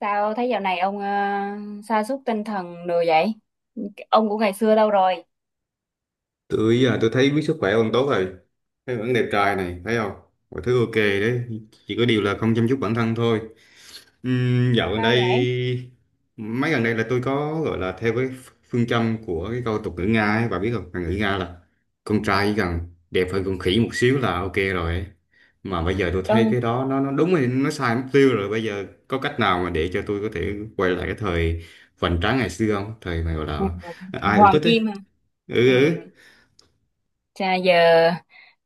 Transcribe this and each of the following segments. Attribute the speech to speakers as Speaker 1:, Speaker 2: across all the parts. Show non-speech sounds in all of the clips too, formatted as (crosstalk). Speaker 1: Sao thấy dạo này ông sa sút tinh thần đồ vậy? Ông của ngày xưa đâu rồi?
Speaker 2: Tôi giờ tôi thấy biết sức khỏe ông tốt rồi, thấy vẫn đẹp trai này, thấy không? Mọi thứ ok đấy, chỉ có điều là không chăm chút bản thân thôi. Dạo gần
Speaker 1: Sao vậy?
Speaker 2: đây, mấy gần đây là tôi có gọi là theo cái phương châm của cái câu tục ngữ Nga ấy, bà biết không? Ngữ Nga là con trai chỉ cần đẹp hơn con khỉ một xíu là ok rồi ấy. Mà bây giờ tôi thấy
Speaker 1: Tôi
Speaker 2: cái đó nó đúng rồi, nó sai mục tiêu rồi. Bây giờ có cách nào mà để cho tôi có thể quay lại cái thời vành tráng ngày xưa không, thời mà gọi là ai cũng
Speaker 1: Hoàng
Speaker 2: thích ấy?
Speaker 1: Kim à? Ừ.
Speaker 2: Ừ, ừ.
Speaker 1: Chà giờ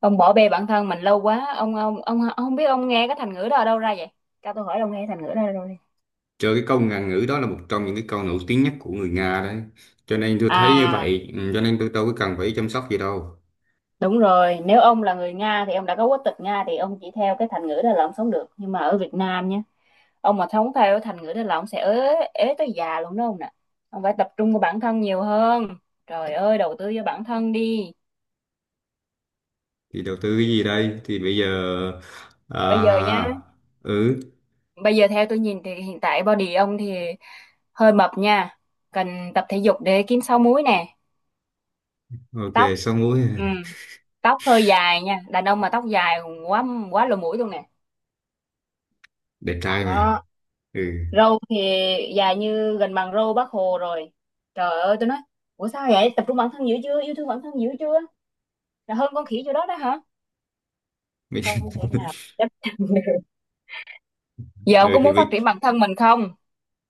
Speaker 1: ông bỏ bê bản thân mình lâu quá. Ông không biết ông nghe cái thành ngữ đó ở đâu ra vậy? Cho tôi hỏi ông nghe thành ngữ đó ở đâu đi.
Speaker 2: Trời, cái câu ngạn ngữ đó là một trong những cái câu nổi tiếng nhất của người Nga đấy. Cho nên tôi thấy như
Speaker 1: À,
Speaker 2: vậy, ừ, cho nên tôi đâu có cần phải chăm sóc gì đâu.
Speaker 1: đúng rồi, nếu ông là người Nga thì ông đã có quốc tịch Nga thì ông chỉ theo cái thành ngữ đó là ông sống được. Nhưng mà ở Việt Nam nhé, ông mà không theo thành ngữ đó là ông sẽ ế ế tới già luôn đó ông nè. Ông phải tập trung vào bản thân nhiều hơn, trời ơi, đầu tư cho bản thân đi.
Speaker 2: Thì đầu tư cái gì đây? Thì bây giờ...
Speaker 1: Bây giờ nha,
Speaker 2: À, ừ,
Speaker 1: bây giờ theo tôi nhìn thì hiện tại body ông thì hơi mập nha, cần tập thể dục để kiếm sáu múi nè.
Speaker 2: ok,
Speaker 1: Tóc,
Speaker 2: 6 mũi.
Speaker 1: ừ, tóc hơi dài nha, đàn ông mà tóc dài quá quá lỗ mũi luôn nè
Speaker 2: (laughs) Đẹp trai mà.
Speaker 1: đó.
Speaker 2: Ừ.
Speaker 1: Râu thì dài như gần bằng râu bác Hồ rồi, trời ơi tôi nói, ủa sao vậy? Tập trung bản thân dữ chưa, yêu thương bản thân dữ chưa, là hơn con khỉ chỗ đó đó hả?
Speaker 2: Mấy-
Speaker 1: Không thể nào
Speaker 2: (laughs)
Speaker 1: chấp nhận được. Giờ ông
Speaker 2: ừ
Speaker 1: có
Speaker 2: thì,
Speaker 1: muốn phát
Speaker 2: bây-
Speaker 1: triển bản thân mình không?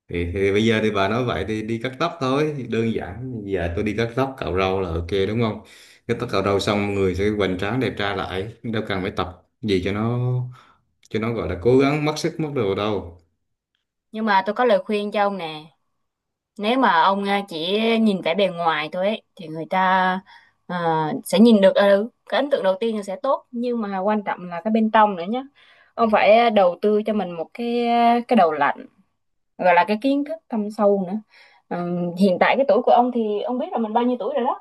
Speaker 2: thì, thì bây giờ thì bà nói vậy thì đi cắt tóc thôi. Thì đơn giản, giờ tôi đi cắt tóc, cạo râu là ok đúng không?
Speaker 1: Ừ.
Speaker 2: Cắt tóc cạo râu xong người sẽ hoành tráng đẹp trai lại. Đâu cần phải tập gì cho nó gọi là cố gắng mất sức mất đồ đâu.
Speaker 1: Nhưng mà tôi có lời khuyên cho ông nè. Nếu mà ông chỉ nhìn vẻ bề ngoài thôi ấy, thì người ta, à, sẽ nhìn được, cái ấn tượng đầu tiên là sẽ tốt, nhưng mà quan trọng là cái bên trong nữa nhé. Ông phải đầu tư cho mình một cái, cái đầu lạnh, gọi là cái kiến thức thâm sâu nữa. Ừ, hiện tại cái tuổi của ông thì ông biết là mình bao nhiêu tuổi rồi đó.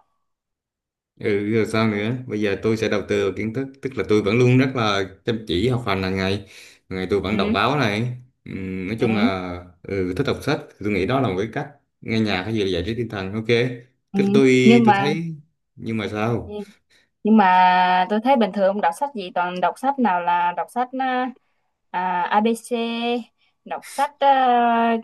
Speaker 2: Ừ, rồi sao nữa? Bây giờ tôi sẽ đầu tư vào kiến thức, tức là tôi vẫn luôn rất là chăm chỉ học hành hàng ngày. Hàng ngày tôi vẫn
Speaker 1: Ừ,
Speaker 2: đọc báo này. Nói
Speaker 1: ừ,
Speaker 2: chung là ừ, thích đọc sách, tôi nghĩ đó là một cái cách nghe nhạc hay gì là giải trí tinh thần, ok.
Speaker 1: ừ.
Speaker 2: Tức là tôi
Speaker 1: Nhưng
Speaker 2: tôi
Speaker 1: mà,
Speaker 2: thấy, nhưng mà
Speaker 1: ừ,
Speaker 2: sao?
Speaker 1: nhưng mà tôi thấy bình thường ông đọc sách gì, toàn đọc sách nào là đọc sách, ABC, đọc sách,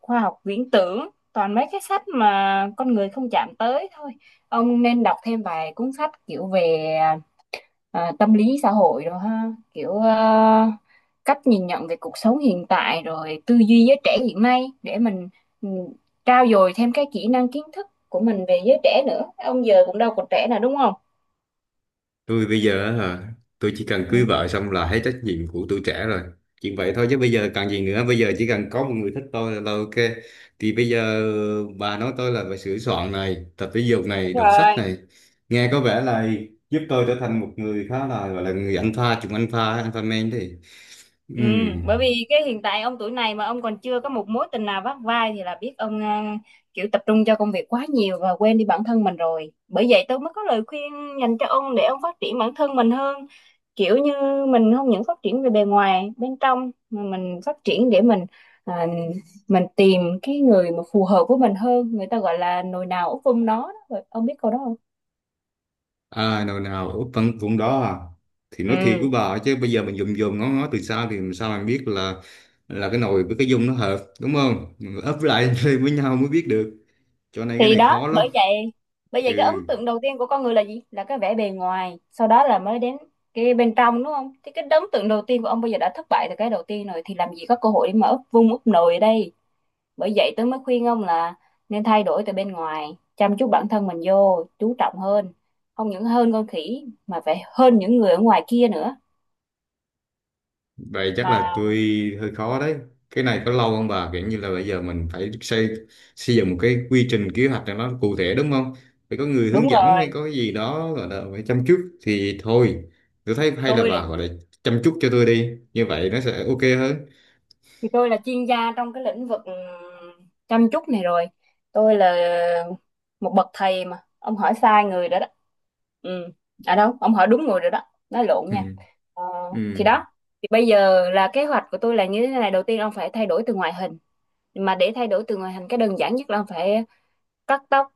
Speaker 1: khoa học viễn tưởng, toàn mấy cái sách mà con người không chạm tới thôi. Ông nên đọc thêm vài cuốn sách kiểu về, tâm lý xã hội rồi ha, kiểu, cách nhìn nhận về cuộc sống hiện tại rồi tư duy giới trẻ hiện nay để mình, ừ, trau dồi thêm cái kỹ năng kiến thức của mình về giới trẻ nữa. Ông giờ cũng đâu còn trẻ nào đúng không?
Speaker 2: Tôi bây giờ á hả, tôi chỉ cần cưới
Speaker 1: Ừ.
Speaker 2: vợ xong là hết trách nhiệm của tuổi trẻ rồi, chuyện vậy thôi chứ bây giờ cần gì nữa? Bây giờ chỉ cần có một người thích tôi là ok. Thì bây giờ bà nói tôi là phải sửa soạn này, tập thể dục
Speaker 1: Đúng
Speaker 2: này, đọc sách
Speaker 1: rồi.
Speaker 2: này, nghe có vẻ là giúp tôi trở thành một người khá là gọi là người alpha, chủng alpha alpha man thì ừ.
Speaker 1: Ừ, bởi vì cái hiện tại ông tuổi này mà ông còn chưa có một mối tình nào vắt vai thì là biết ông, kiểu tập trung cho công việc quá nhiều và quên đi bản thân mình rồi. Bởi vậy tôi mới có lời khuyên dành cho ông để ông phát triển bản thân mình hơn. Kiểu như mình không những phát triển về bề ngoài, bên trong mà mình phát triển để mình, à, mình tìm cái người mà phù hợp với mình hơn. Người ta gọi là nồi nào úp vung nó đó. Ông biết câu đó không?
Speaker 2: À, nào nào, ở phần vùng đó à? Thì nói thiệt
Speaker 1: Ừ.
Speaker 2: với bà ấy chứ bây giờ mình dùng dùng ngó ngó từ xa thì làm sao mình biết là cái nồi với cái dung nó hợp đúng không? Mình ấp lại (laughs) lên với nhau mới biết được. Cho nên cái
Speaker 1: Thì
Speaker 2: này
Speaker 1: đó,
Speaker 2: khó lắm.
Speaker 1: bởi vậy cái ấn
Speaker 2: Ừ,
Speaker 1: tượng đầu tiên của con người là gì, là cái vẻ bề ngoài, sau đó là mới đến cái bên trong đúng không? Thì cái ấn tượng đầu tiên của ông bây giờ đã thất bại từ cái đầu tiên rồi thì làm gì có cơ hội để mà úp vung úp nồi ở đây. Bởi vậy tôi mới khuyên ông là nên thay đổi từ bên ngoài, chăm chút bản thân mình vô, chú trọng hơn, không những hơn con khỉ mà phải hơn những người ở ngoài kia nữa
Speaker 2: vậy chắc là
Speaker 1: mà.
Speaker 2: tôi hơi khó đấy. Cái này có lâu không bà? Kiểu như là bây giờ mình phải xây xây dựng một cái quy trình kế hoạch cho nó cụ thể đúng không? Phải có người hướng
Speaker 1: Đúng
Speaker 2: dẫn,
Speaker 1: rồi,
Speaker 2: phải có cái gì đó gọi là phải chăm chút thì thôi. Tôi thấy hay là
Speaker 1: tôi là
Speaker 2: bà gọi là chăm chút cho tôi đi. Như vậy nó sẽ ok hơn.
Speaker 1: tôi là chuyên gia trong cái lĩnh vực chăm chút này rồi, tôi là một bậc thầy mà ông hỏi sai người rồi đó. Ừ. À đâu, ông hỏi đúng người rồi đó, nói lộn nha.
Speaker 2: (laughs)
Speaker 1: Ờ, thì
Speaker 2: Ừ,
Speaker 1: đó, thì bây giờ là kế hoạch của tôi là như thế này. Đầu tiên ông phải thay đổi từ ngoại hình, mà để thay đổi từ ngoại hình cái đơn giản nhất là ông phải cắt tóc,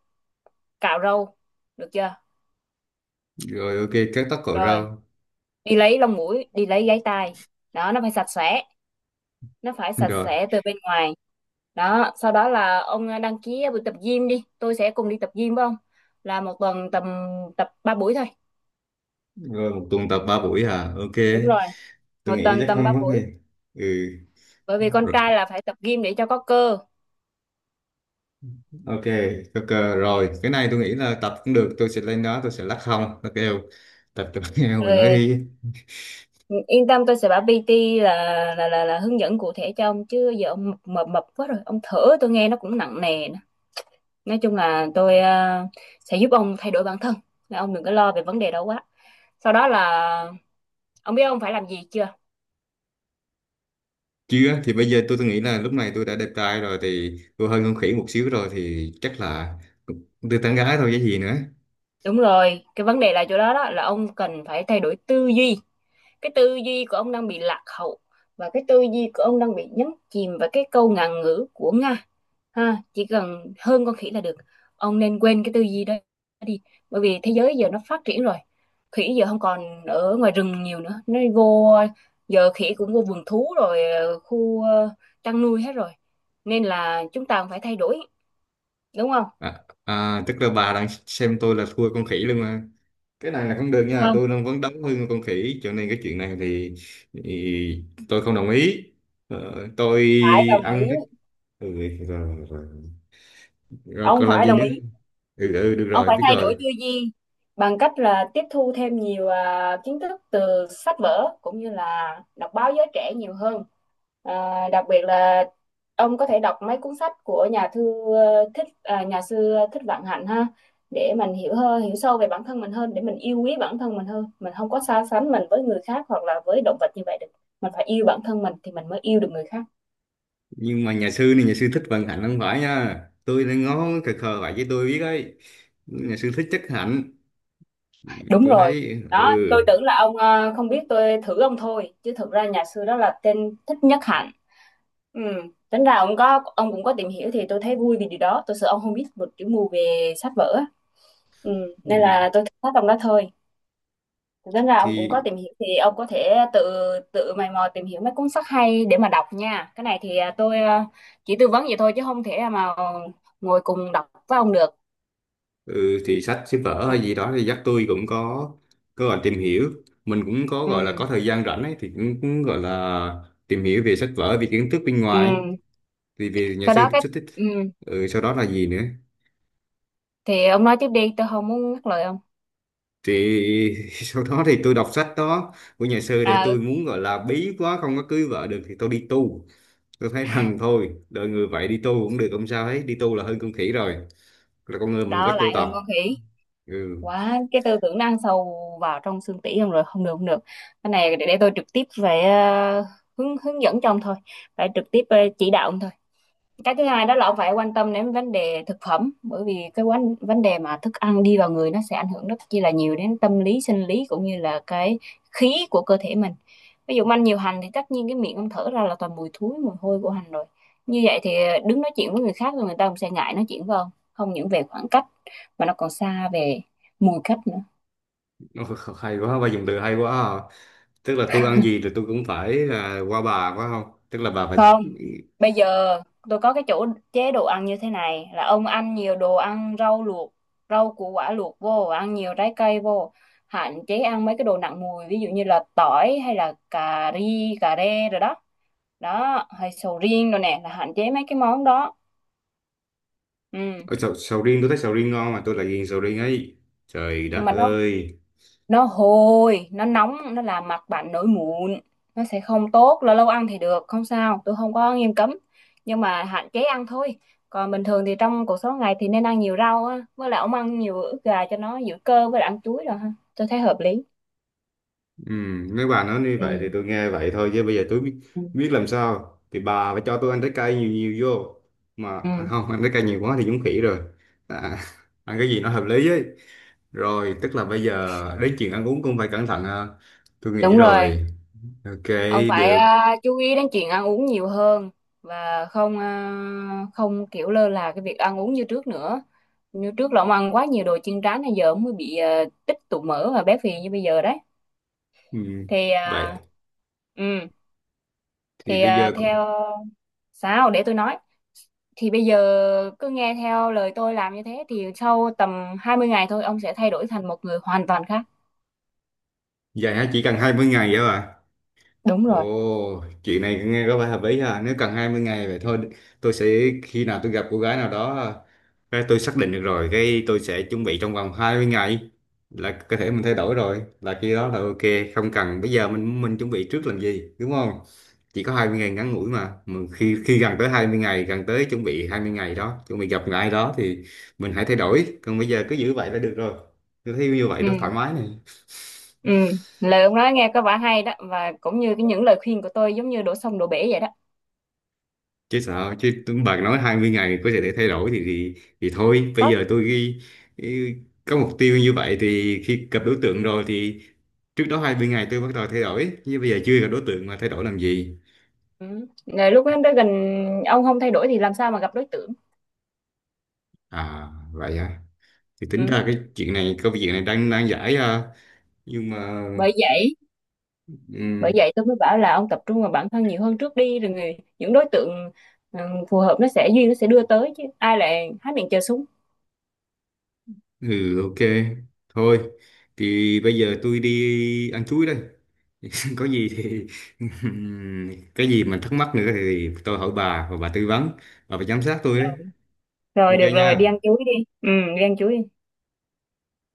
Speaker 1: cạo râu, được chưa?
Speaker 2: rồi ok cắt tóc cội
Speaker 1: Rồi
Speaker 2: rau.
Speaker 1: đi lấy lông mũi, đi lấy gáy tai, đó, nó phải sạch sẽ, nó phải sạch
Speaker 2: Rồi,
Speaker 1: sẽ từ bên ngoài đó. Sau đó là ông, đăng ký buổi tập gym đi, tôi sẽ cùng đi tập gym với ông, là một tuần tầm tập 3 buổi thôi.
Speaker 2: rồi một tuần tập 3 buổi à, ok.
Speaker 1: Đúng rồi,
Speaker 2: Tôi
Speaker 1: một
Speaker 2: nghĩ
Speaker 1: tuần
Speaker 2: chắc
Speaker 1: tầm
Speaker 2: không
Speaker 1: 3
Speaker 2: có
Speaker 1: buổi,
Speaker 2: gì. Ừ,
Speaker 1: bởi vì con
Speaker 2: rồi.
Speaker 1: trai là phải tập gym để cho có cơ.
Speaker 2: Ok, ok.
Speaker 1: Ừ.
Speaker 2: Rồi cái này tôi nghĩ là tập cũng được, tôi sẽ lên đó tôi sẽ lắc không nó kêu, tập cho nó nghe mình nói
Speaker 1: Rồi,
Speaker 2: hi.
Speaker 1: yên tâm, tôi sẽ bảo PT là là hướng dẫn cụ thể cho ông, chứ giờ ông mập mập mập quá rồi, ông thở tôi nghe nó cũng nặng nề nữa. Nói chung là tôi sẽ giúp ông thay đổi bản thân. Nên ông đừng có lo về vấn đề đó quá. Sau đó là ông biết ông phải làm gì chưa?
Speaker 2: Chưa thì bây giờ tôi nghĩ là lúc này tôi đã đẹp trai rồi thì tôi hơn con khỉ một xíu rồi thì chắc là tôi tán gái thôi chứ gì nữa.
Speaker 1: Đúng rồi, cái vấn đề là chỗ đó đó, là ông cần phải thay đổi tư duy. Cái tư duy của ông đang bị lạc hậu và cái tư duy của ông đang bị nhấn chìm vào cái câu ngạn ngữ của Nga. Ha, chỉ cần hơn con khỉ là được. Ông nên quên cái tư duy đó đi. Bởi vì thế giới giờ nó phát triển rồi. Khỉ giờ không còn ở ngoài rừng nhiều nữa. Nó vô, giờ khỉ cũng vô vườn thú rồi, khu chăn nuôi hết rồi. Nên là chúng ta cũng phải thay đổi, đúng không?
Speaker 2: À, à, tức là bà đang xem tôi là thua con khỉ luôn mà. Cái này là không được nha,
Speaker 1: Không,
Speaker 2: tôi đang vấn đống hơn con khỉ, cho nên cái chuyện này thì tôi không đồng ý. Tôi
Speaker 1: phải đồng ý.
Speaker 2: ăn cái, ừ, rồi, rồi. Rồi
Speaker 1: Ông
Speaker 2: còn làm
Speaker 1: phải
Speaker 2: gì
Speaker 1: đồng
Speaker 2: nữa?
Speaker 1: ý,
Speaker 2: Ừ, ừ được
Speaker 1: ông
Speaker 2: rồi,
Speaker 1: phải
Speaker 2: biết
Speaker 1: thay
Speaker 2: rồi.
Speaker 1: đổi tư duy bằng cách là tiếp thu thêm nhiều, kiến thức từ sách vở cũng như là đọc báo giới trẻ nhiều hơn, đặc biệt là ông có thể đọc mấy cuốn sách của nhà thư, nhà sư thích Vạn Hạnh ha, để mình hiểu hơn, hiểu sâu về bản thân mình hơn, để mình yêu quý bản thân mình hơn, mình không có so sánh mình với người khác hoặc là với động vật như vậy được. Mình phải yêu bản thân mình thì mình mới yêu được người khác.
Speaker 2: Nhưng mà nhà sư này, nhà sư thích vận hạnh không phải nha, tôi đang ngó khờ khờ vậy chứ tôi biết ấy, nhà sư thích chất hạnh. Ừ,
Speaker 1: Đúng
Speaker 2: tôi
Speaker 1: rồi.
Speaker 2: thấy ừ.
Speaker 1: Đó, tôi tưởng là ông, không biết, tôi thử ông thôi chứ thực ra nhà sư đó là tên Thích Nhất Hạnh. Ừ, tính ra ông có, ông cũng có tìm hiểu thì tôi thấy vui vì điều đó, tôi sợ ông không biết một chữ mù về sách vở á. Ừ, nên
Speaker 2: Ừ,
Speaker 1: là tôi thích sách ông đó thôi. Thì tính ra ông cũng
Speaker 2: thì.
Speaker 1: có tìm hiểu thì ông có thể tự tự mày mò tìm hiểu mấy cuốn sách hay để mà đọc nha. Cái này thì, tôi, chỉ tư vấn vậy thôi chứ không thể mà ngồi cùng đọc với ông được.
Speaker 2: Ừ, thì sách sách vở
Speaker 1: Ừ,
Speaker 2: hay gì đó thì dắt tôi cũng có gọi tìm hiểu. Mình cũng có
Speaker 1: ừ,
Speaker 2: gọi là có thời gian rảnh ấy thì cũng gọi là tìm hiểu về sách vở, về kiến thức bên
Speaker 1: ừ.
Speaker 2: ngoài, thì về nhà
Speaker 1: Sau
Speaker 2: sư
Speaker 1: đó cái,
Speaker 2: xuất thích.
Speaker 1: ừ.
Speaker 2: Ừ, sau đó là gì nữa?
Speaker 1: Thì ông nói tiếp đi, tôi không muốn ngắt lời ông.
Speaker 2: Thì (laughs) sau đó thì tôi đọc sách đó của nhà sư để
Speaker 1: à, ừ,
Speaker 2: tôi muốn gọi là bí quá không có cưới vợ được thì tôi đi tu. Tôi thấy rằng thôi đời người vậy đi tu cũng được, không sao hết, đi tu là hơn con khỉ rồi, là con người mình có
Speaker 1: đó
Speaker 2: tu
Speaker 1: lại
Speaker 2: tập.
Speaker 1: hơn con khỉ
Speaker 2: Ừ.
Speaker 1: quá, cái tư tưởng nó ăn sâu vào trong xương tủy ông rồi, không được không được. Cái này để tôi trực tiếp về, hướng hướng dẫn cho ông thôi, phải trực tiếp chỉ đạo ông thôi. Cái thứ hai đó là ông phải quan tâm đến vấn đề thực phẩm, bởi vì cái vấn vấn đề mà thức ăn đi vào người nó sẽ ảnh hưởng rất chi là nhiều đến tâm lý, sinh lý cũng như là cái khí của cơ thể mình. Ví dụ ông ăn nhiều hành thì tất nhiên cái miệng ông thở ra là toàn mùi thúi, mùi hôi của hành rồi. Như vậy thì đứng nói chuyện với người khác rồi người ta cũng sẽ ngại nói chuyện với ông, không những về khoảng cách mà nó còn xa về mùi cách nữa.
Speaker 2: (laughs) Ôi, hay quá, bà dùng từ hay quá à. Tức là tôi ăn gì thì tôi cũng phải là qua bà phải không, tức là bà phải...
Speaker 1: Không. Bây giờ tôi có cái chỗ chế độ ăn như thế này, là ông ăn nhiều đồ ăn rau luộc, rau củ quả luộc vô, ăn nhiều trái cây vô. Hạn chế ăn mấy cái đồ nặng mùi ví dụ như là tỏi hay là cà ri, cà rê rồi đó. Đó, hay sầu riêng rồi nè, là hạn chế mấy cái món đó. Ừ.
Speaker 2: Ở sầu riêng, tôi thấy sầu riêng ngon mà tôi lại ghiền sầu riêng ấy, trời đất
Speaker 1: Nhưng mà nó
Speaker 2: ơi.
Speaker 1: nó hôi, nó nóng, nó làm mặt bạn nổi mụn, nó sẽ không tốt. Lâu lâu ăn thì được không sao, tôi không có nghiêm cấm nhưng mà hạn chế ăn thôi. Còn bình thường thì trong cuộc sống ngày thì nên ăn nhiều rau á, với lại ông ăn nhiều ức gà cho nó giữ cơ, với lại ăn chuối rồi ha, tôi thấy hợp lý.
Speaker 2: Ừ, nếu bà nói như
Speaker 1: Ừ.
Speaker 2: vậy thì tôi nghe vậy thôi chứ bây giờ tôi biết,
Speaker 1: Ừ.
Speaker 2: biết làm sao. Thì bà phải cho tôi ăn trái cây nhiều nhiều vô, mà
Speaker 1: Ừ,
Speaker 2: à, không ăn trái cây nhiều quá thì giống khỉ rồi. À, (laughs) ăn cái gì nó hợp lý ấy. Rồi tức là bây giờ đến chuyện ăn uống cũng phải cẩn thận ha. Tôi nghĩ
Speaker 1: đúng rồi,
Speaker 2: rồi, ok,
Speaker 1: ông phải,
Speaker 2: được.
Speaker 1: chú ý đến chuyện ăn uống nhiều hơn và không, không kiểu lơ là cái việc ăn uống như trước nữa. Như trước là ông ăn quá nhiều đồ chiên rán nên giờ ông mới bị, tích tụ mỡ và béo phì như bây giờ đấy.
Speaker 2: Ừ.
Speaker 1: Thì
Speaker 2: Vậy
Speaker 1: ừ,
Speaker 2: thì
Speaker 1: thì
Speaker 2: bây giờ cũng...
Speaker 1: theo, sao để tôi nói. Thì bây giờ cứ nghe theo lời tôi làm như thế thì sau tầm 20 ngày thôi ông sẽ thay đổi thành một người hoàn toàn khác.
Speaker 2: Dài hả, chỉ cần 20 ngày hả bà?
Speaker 1: Đúng rồi.
Speaker 2: Ồ, chuyện này nghe có vẻ hợp lý ha, nếu cần 20 ngày vậy thôi. Tôi sẽ, khi nào tôi gặp cô gái nào đó cái tôi xác định được rồi cái tôi sẽ chuẩn bị trong vòng 20 ngày là cơ thể mình thay đổi rồi, là khi đó là ok. Không cần bây giờ mình chuẩn bị trước làm gì đúng không? Chỉ có 20 ngày ngắn ngủi mà. Mà khi khi gần tới 20 ngày, gần tới chuẩn bị 20 ngày đó, chuẩn bị gặp người ai đó thì mình hãy thay đổi, còn bây giờ cứ giữ vậy là được rồi. Tôi thấy như vậy nó
Speaker 1: Ừ.
Speaker 2: thoải mái này.
Speaker 1: Ừ, lời ông nói nghe có vẻ hay đó, và cũng như cái những lời khuyên của tôi giống như đổ sông đổ bể vậy đó.
Speaker 2: Chứ sao, chứ bạn nói 20 ngày có thể để thay đổi thì thì thôi bây
Speaker 1: Có.
Speaker 2: giờ tôi ghi, ghi- có mục tiêu như vậy thì khi gặp đối tượng rồi thì trước đó 20 ngày tôi bắt đầu thay đổi, nhưng bây giờ chưa gặp đối tượng mà thay đổi làm gì?
Speaker 1: Ừ. Là lúc đó tới gần, ông không thay đổi thì làm sao mà gặp đối tượng?
Speaker 2: À, vậy à? Thì tính
Speaker 1: Ừ.
Speaker 2: ra cái chuyện này, câu chuyện này đang đang giải à. Nhưng mà
Speaker 1: bởi vậy bởi
Speaker 2: ừ,
Speaker 1: vậy tôi mới bảo là ông tập trung vào bản thân nhiều hơn trước đi, rồi người những đối tượng, ừ, phù hợp nó sẽ duyên, nó sẽ đưa tới chứ ai lại há miệng chờ súng.
Speaker 2: ừ, ok, thôi thì bây giờ tôi đi ăn chuối đây, có gì thì (laughs) cái gì mà thắc mắc nữa thì tôi hỏi bà và bà tư vấn, bà phải giám sát tôi ấy.
Speaker 1: Rồi, rồi
Speaker 2: Ok
Speaker 1: được rồi, đi
Speaker 2: nha.
Speaker 1: ăn chuối đi. Ừ, đi ăn chuối đi.